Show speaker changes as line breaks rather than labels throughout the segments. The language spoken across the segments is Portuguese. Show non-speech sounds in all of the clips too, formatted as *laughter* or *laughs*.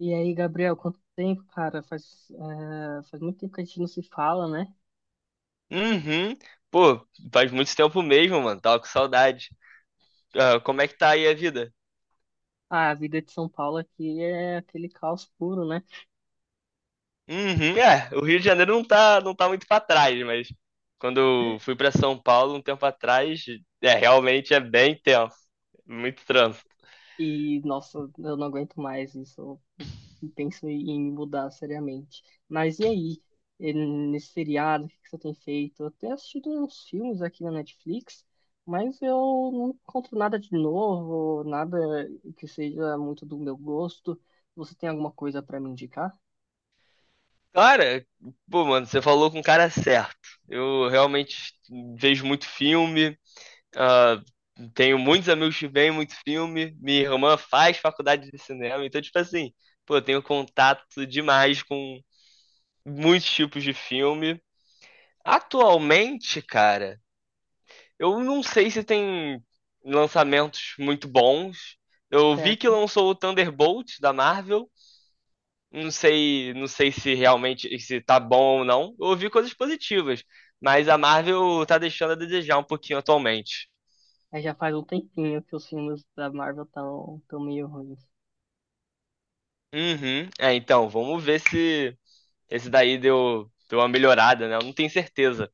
E aí, Gabriel, quanto tempo, cara? Faz, faz muito tempo que a gente não se fala, né?
Uhum. Pô, faz muito tempo mesmo, mano. Tava com saudade. Ah, como é que tá aí a vida?
Ah, a vida de São Paulo aqui é aquele caos puro, né?
Uhum. É, o Rio de Janeiro não tá muito pra trás, mas quando eu fui pra São Paulo um tempo atrás, é, realmente é bem tenso. Muito trânsito.
E nossa, eu não aguento mais isso. Eu penso em me mudar seriamente. Mas e aí? E nesse feriado, o que que você tem feito? Eu tenho assistido uns filmes aqui na Netflix, mas eu não encontro nada de novo, nada que seja muito do meu gosto. Você tem alguma coisa para me indicar?
Cara, pô, mano, você falou com o cara certo. Eu realmente vejo muito filme, ah, tenho muitos amigos que veem muito filme. Minha irmã faz faculdade de cinema, então, tipo assim, pô, eu tenho contato demais com muitos tipos de filme. Atualmente, cara, eu não sei se tem lançamentos muito bons. Eu vi que
Certo.
lançou o Thunderbolt da Marvel. Não sei se realmente se tá bom ou não. Eu ouvi coisas positivas, mas a Marvel tá deixando a desejar um pouquinho atualmente.
É, já faz um tempinho que os filmes da Marvel estão tão meio ruins.
Uhum. É, então, vamos ver se esse daí deu uma melhorada, né? Eu não tenho certeza.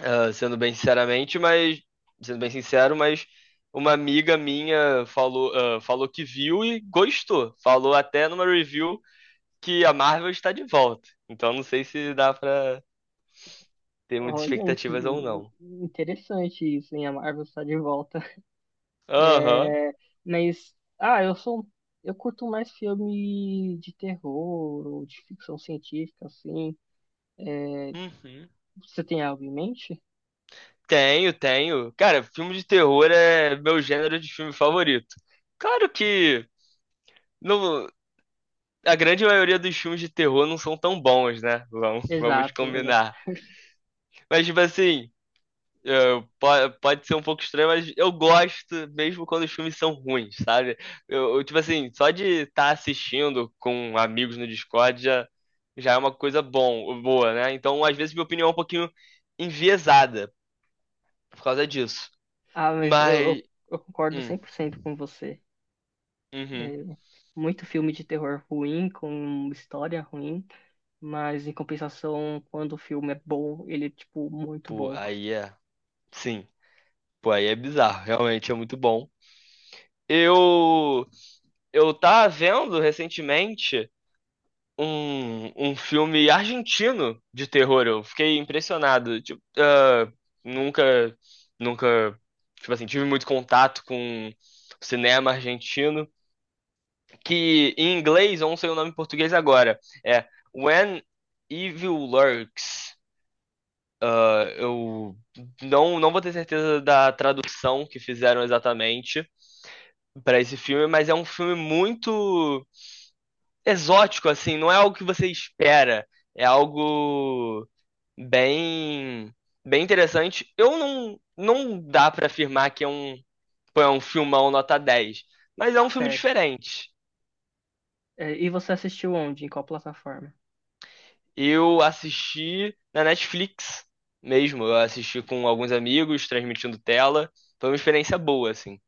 ah, sendo bem sinceramente, mas Sendo bem sincero, mas uma amiga minha falou, falou que viu e gostou. Falou até numa review que a Marvel está de volta. Então não sei se dá pra ter muitas
Olha,
expectativas ou
in-
não.
interessante isso, hein? A Marvel está de volta.
Aham.
É, mas, eu curto mais filme de terror ou de ficção científica, assim. É,
Uhum.
você tem algo em mente?
Tenho, tenho. Cara, filme de terror é meu gênero de filme favorito. Claro que no, a grande maioria dos filmes de terror não são tão bons, né? Vamos
Exato, exato.
combinar.
*laughs*
Mas, tipo assim, É, po- pode ser um pouco estranho, mas eu gosto mesmo quando os filmes são ruins, sabe? Tipo assim, só de estar assistindo com amigos no Discord já, já é uma boa, né? Então, às vezes, minha opinião é um pouquinho enviesada por causa disso.
Ah, mas
Mas,
eu concordo
hum,
100% com você.
uhum,
É, muito filme de terror ruim, com história ruim. Mas em compensação, quando o filme é bom, ele é tipo muito
pô,
bom,
sim, pô, aí é bizarro, realmente é muito bom. Eu, eu tava vendo recentemente um filme argentino de terror. Eu fiquei impressionado. Tipo, ah, nunca, nunca, tipo assim, tive muito contato com cinema argentino. Que em inglês, eu não sei o nome em português agora, é When Evil Lurks. Ah, eu não, não vou ter certeza da tradução que fizeram exatamente para esse filme, mas é um filme muito exótico, assim, não é algo que você espera. É algo bem bem interessante. Eu não dá pra afirmar que é um é um filmão nota dez, mas é um filme
certo?
diferente.
É, e você assistiu onde? Em qual plataforma?
Eu assisti na Netflix mesmo, eu assisti com alguns amigos, transmitindo tela. Foi uma experiência boa, assim.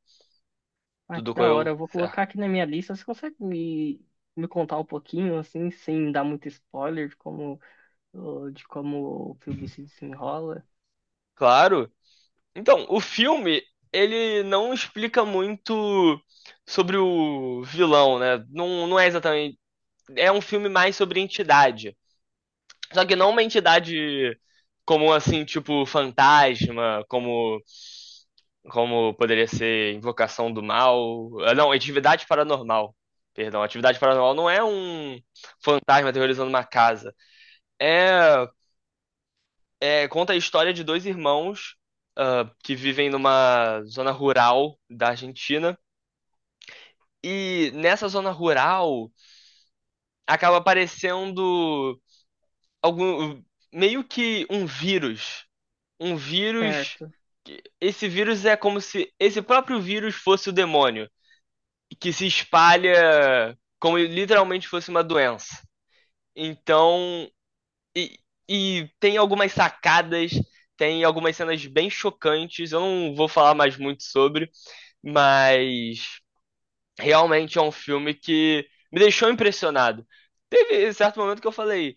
Ah, que
Tudo
da hora.
correu
Eu vou
certo.
colocar aqui na minha lista. Você consegue me contar um pouquinho, assim, sem dar muito spoiler de de como o filme se desenrola?
Claro. Então, o filme, ele não explica muito sobre o vilão, né? Não, não é exatamente. É um filme mais sobre entidade. Só que não uma entidade como assim, tipo fantasma, como poderia ser invocação do mal. Não, atividade paranormal. Perdão, atividade paranormal não é um fantasma aterrorizando uma casa. É, é- conta a história de dois irmãos que vivem numa zona rural da Argentina. E nessa zona rural acaba aparecendo algum meio que um vírus.
Certo.
Que- esse vírus é como se esse próprio vírus fosse o demônio, que se espalha como literalmente fosse uma doença. Então, e, e tem algumas sacadas, tem algumas cenas bem chocantes. Eu não vou falar mais muito sobre, mas realmente é um filme que me deixou impressionado. Teve certo momento que eu falei.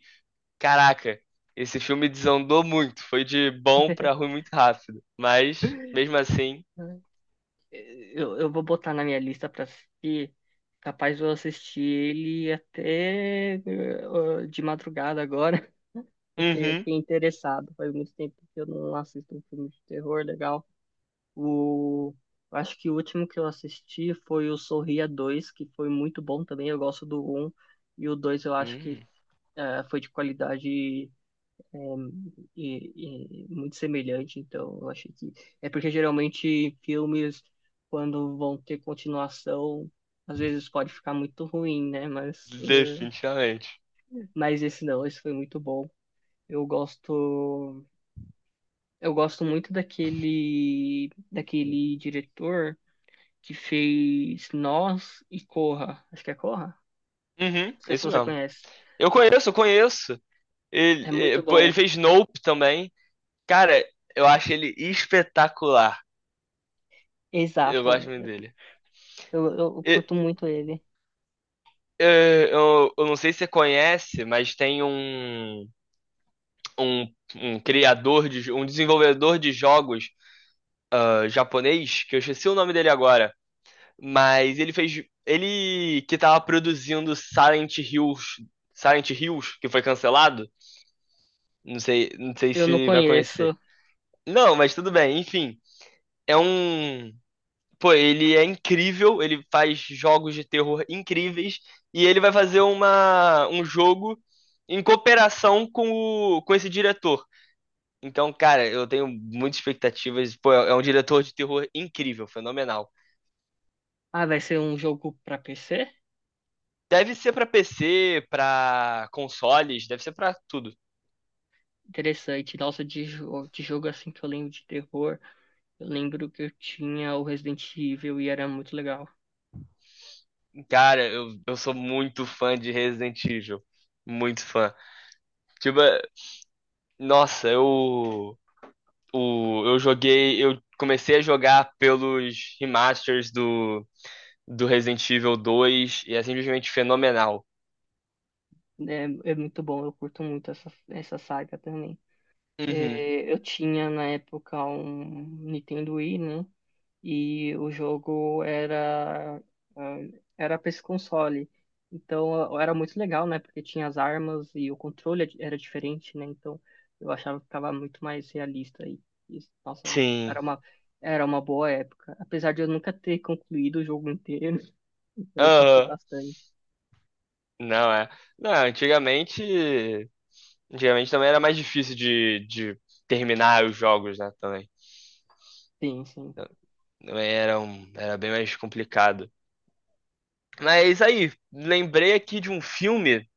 Caraca, esse filme desandou muito. Foi de bom pra
*laughs*
ruim muito rápido. Mas, mesmo assim,
Eu vou botar na minha lista pra assistir. Capaz de eu assistir ele até de madrugada agora, porque eu
uhum,
fiquei interessado. Faz muito tempo que eu não assisto um filme de terror legal. O... Acho que o último que eu assisti foi o Sorria Dois, que foi muito bom também. Eu gosto do Um, e o Dois eu acho que
hum,
foi de qualidade, é, e muito semelhante. Então eu achei que... É porque geralmente filmes, quando vão ter continuação, às vezes pode ficar muito ruim, né? Mas,
definitivamente.
mas esse não, esse foi muito bom. Eu gosto Eu gosto muito daquele diretor que fez Nós e Corra. Acho que é Corra?
Uhum,
Não sei se
isso
você
mesmo.
conhece.
Eu conheço.
É
Ele,
muito
pô, ele
bom.
fez Nope também. Cara, eu acho ele espetacular. Eu
Exato.
gosto muito dele.
Eu
E,
curto muito ele.
eu não sei se você conhece, mas tem um, um criador de, um desenvolvedor de jogos japonês, que eu esqueci o nome dele agora. Mas ele fez. Ele que tava produzindo Silent Hills. Silent Hills, que foi cancelado. Não sei
Eu não
se vai conhecer.
conheço.
Não, mas tudo bem, enfim. É um. Pô, ele é incrível, ele faz jogos de terror incríveis. E ele vai fazer um jogo em cooperação com, com esse diretor. Então, cara, eu tenho muitas expectativas. Pô, é um diretor de terror incrível, fenomenal.
Ah, vai ser um jogo pra PC?
Deve ser pra PC, pra consoles, deve ser pra tudo.
Interessante. Nossa, de jogo assim que eu lembro de terror. Eu lembro que eu tinha o Resident Evil e era muito legal.
Cara, eu sou muito fã de Resident Evil. Muito fã. Tipo, nossa, eu, eu joguei. Eu comecei a jogar pelos remasters do Resident Evil 2 e é simplesmente fenomenal.
É, é muito bom. Eu curto muito essa saga também.
Uhum.
É, eu tinha na época um Nintendo Wii, né? E o jogo era ah, era para esse console. Então era muito legal, né? Porque tinha as armas e o controle é, era diferente, né? Então eu achava que ficava muito mais realista e nossa,
Sim.
era uma era uma boa época, apesar de eu nunca ter concluído o jogo inteiro. *laughs* Então eu curti
Aham.
bastante.
Não é. Não, antigamente. Antigamente também era mais difícil de terminar os jogos, né? Também.
Sim, sim.
Também era, era bem mais complicado. Mas aí, lembrei aqui de um filme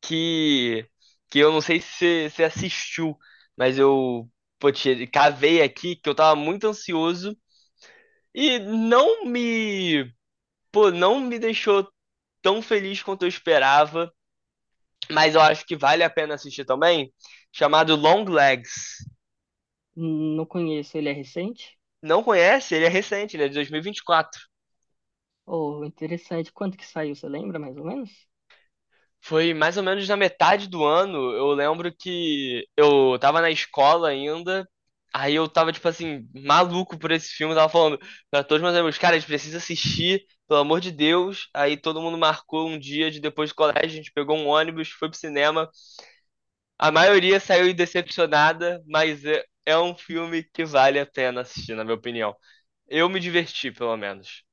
que, que eu não sei se você assistiu, mas eu pô, te- cavei aqui que eu tava muito ansioso e pô, não me deixou tão feliz quanto eu esperava, mas eu acho que vale a pena assistir também, chamado Long Legs.
Não conheço, ele é recente?
Não conhece? Ele é recente, ele é de 2024.
Oh, interessante. Quando que saiu, você lembra mais ou menos?
Foi mais ou menos na metade do ano. Eu lembro que eu tava na escola ainda. Aí eu tava, tipo assim, maluco por esse filme. Tava falando pra todos meus amigos, cara, a gente precisa assistir, pelo amor de Deus. Aí todo mundo marcou um dia de depois do colégio. A gente pegou um ônibus, foi pro cinema. A maioria saiu decepcionada, mas é, é um filme que vale a pena assistir, na minha opinião. Eu me diverti, pelo menos.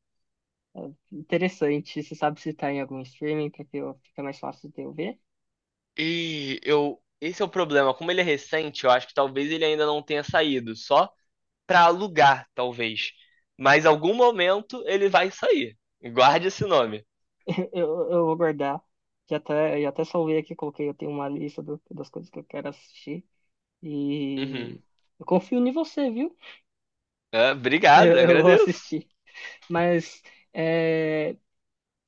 Interessante. Você sabe se tá em algum streaming para que eu, fica mais fácil de eu ver?
E eu. Esse é o problema. Como ele é recente, eu acho que talvez ele ainda não tenha saído. Só para alugar, talvez. Mas em algum momento ele vai sair. Guarde esse nome.
*laughs* Eu vou guardar. Já até salvei aqui, coloquei, eu tenho uma lista do- das coisas que eu quero assistir.
Uhum.
E eu confio em você, viu? *laughs*
É, obrigado,
Eu vou
agradeço.
assistir. Mas é,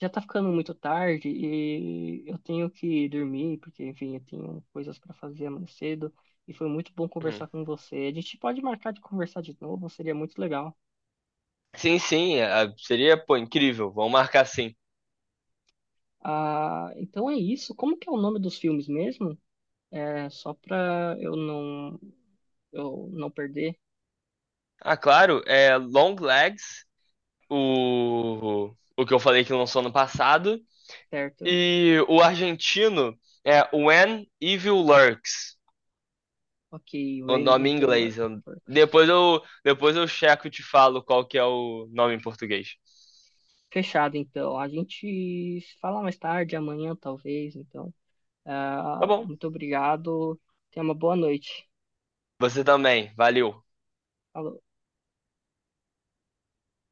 já tá ficando muito tarde e eu tenho que dormir, porque, enfim, eu tenho coisas para fazer amanhã cedo. E foi muito bom
Uhum.
conversar com você. A gente pode marcar de conversar de novo, seria muito legal.
Sim, sim, é, é, seria, pô, incrível. Vamos marcar sim.
Ah, então é isso. Como que é o nome dos filmes mesmo? É só para eu não perder,
Ah, claro, é Long Legs, o que eu falei que lançou ano passado,
certo?
e o argentino é When Evil Lurks,
Ok,
o
When
nome em
Evil Lurks.
inglês. Eu- depois eu checo e te falo qual que é o nome em português.
Fechado, então. A gente se fala mais tarde, amanhã talvez. Então,
Tá
ah,
bom.
muito obrigado. Tenha uma boa noite.
Você também, valeu.
Falou.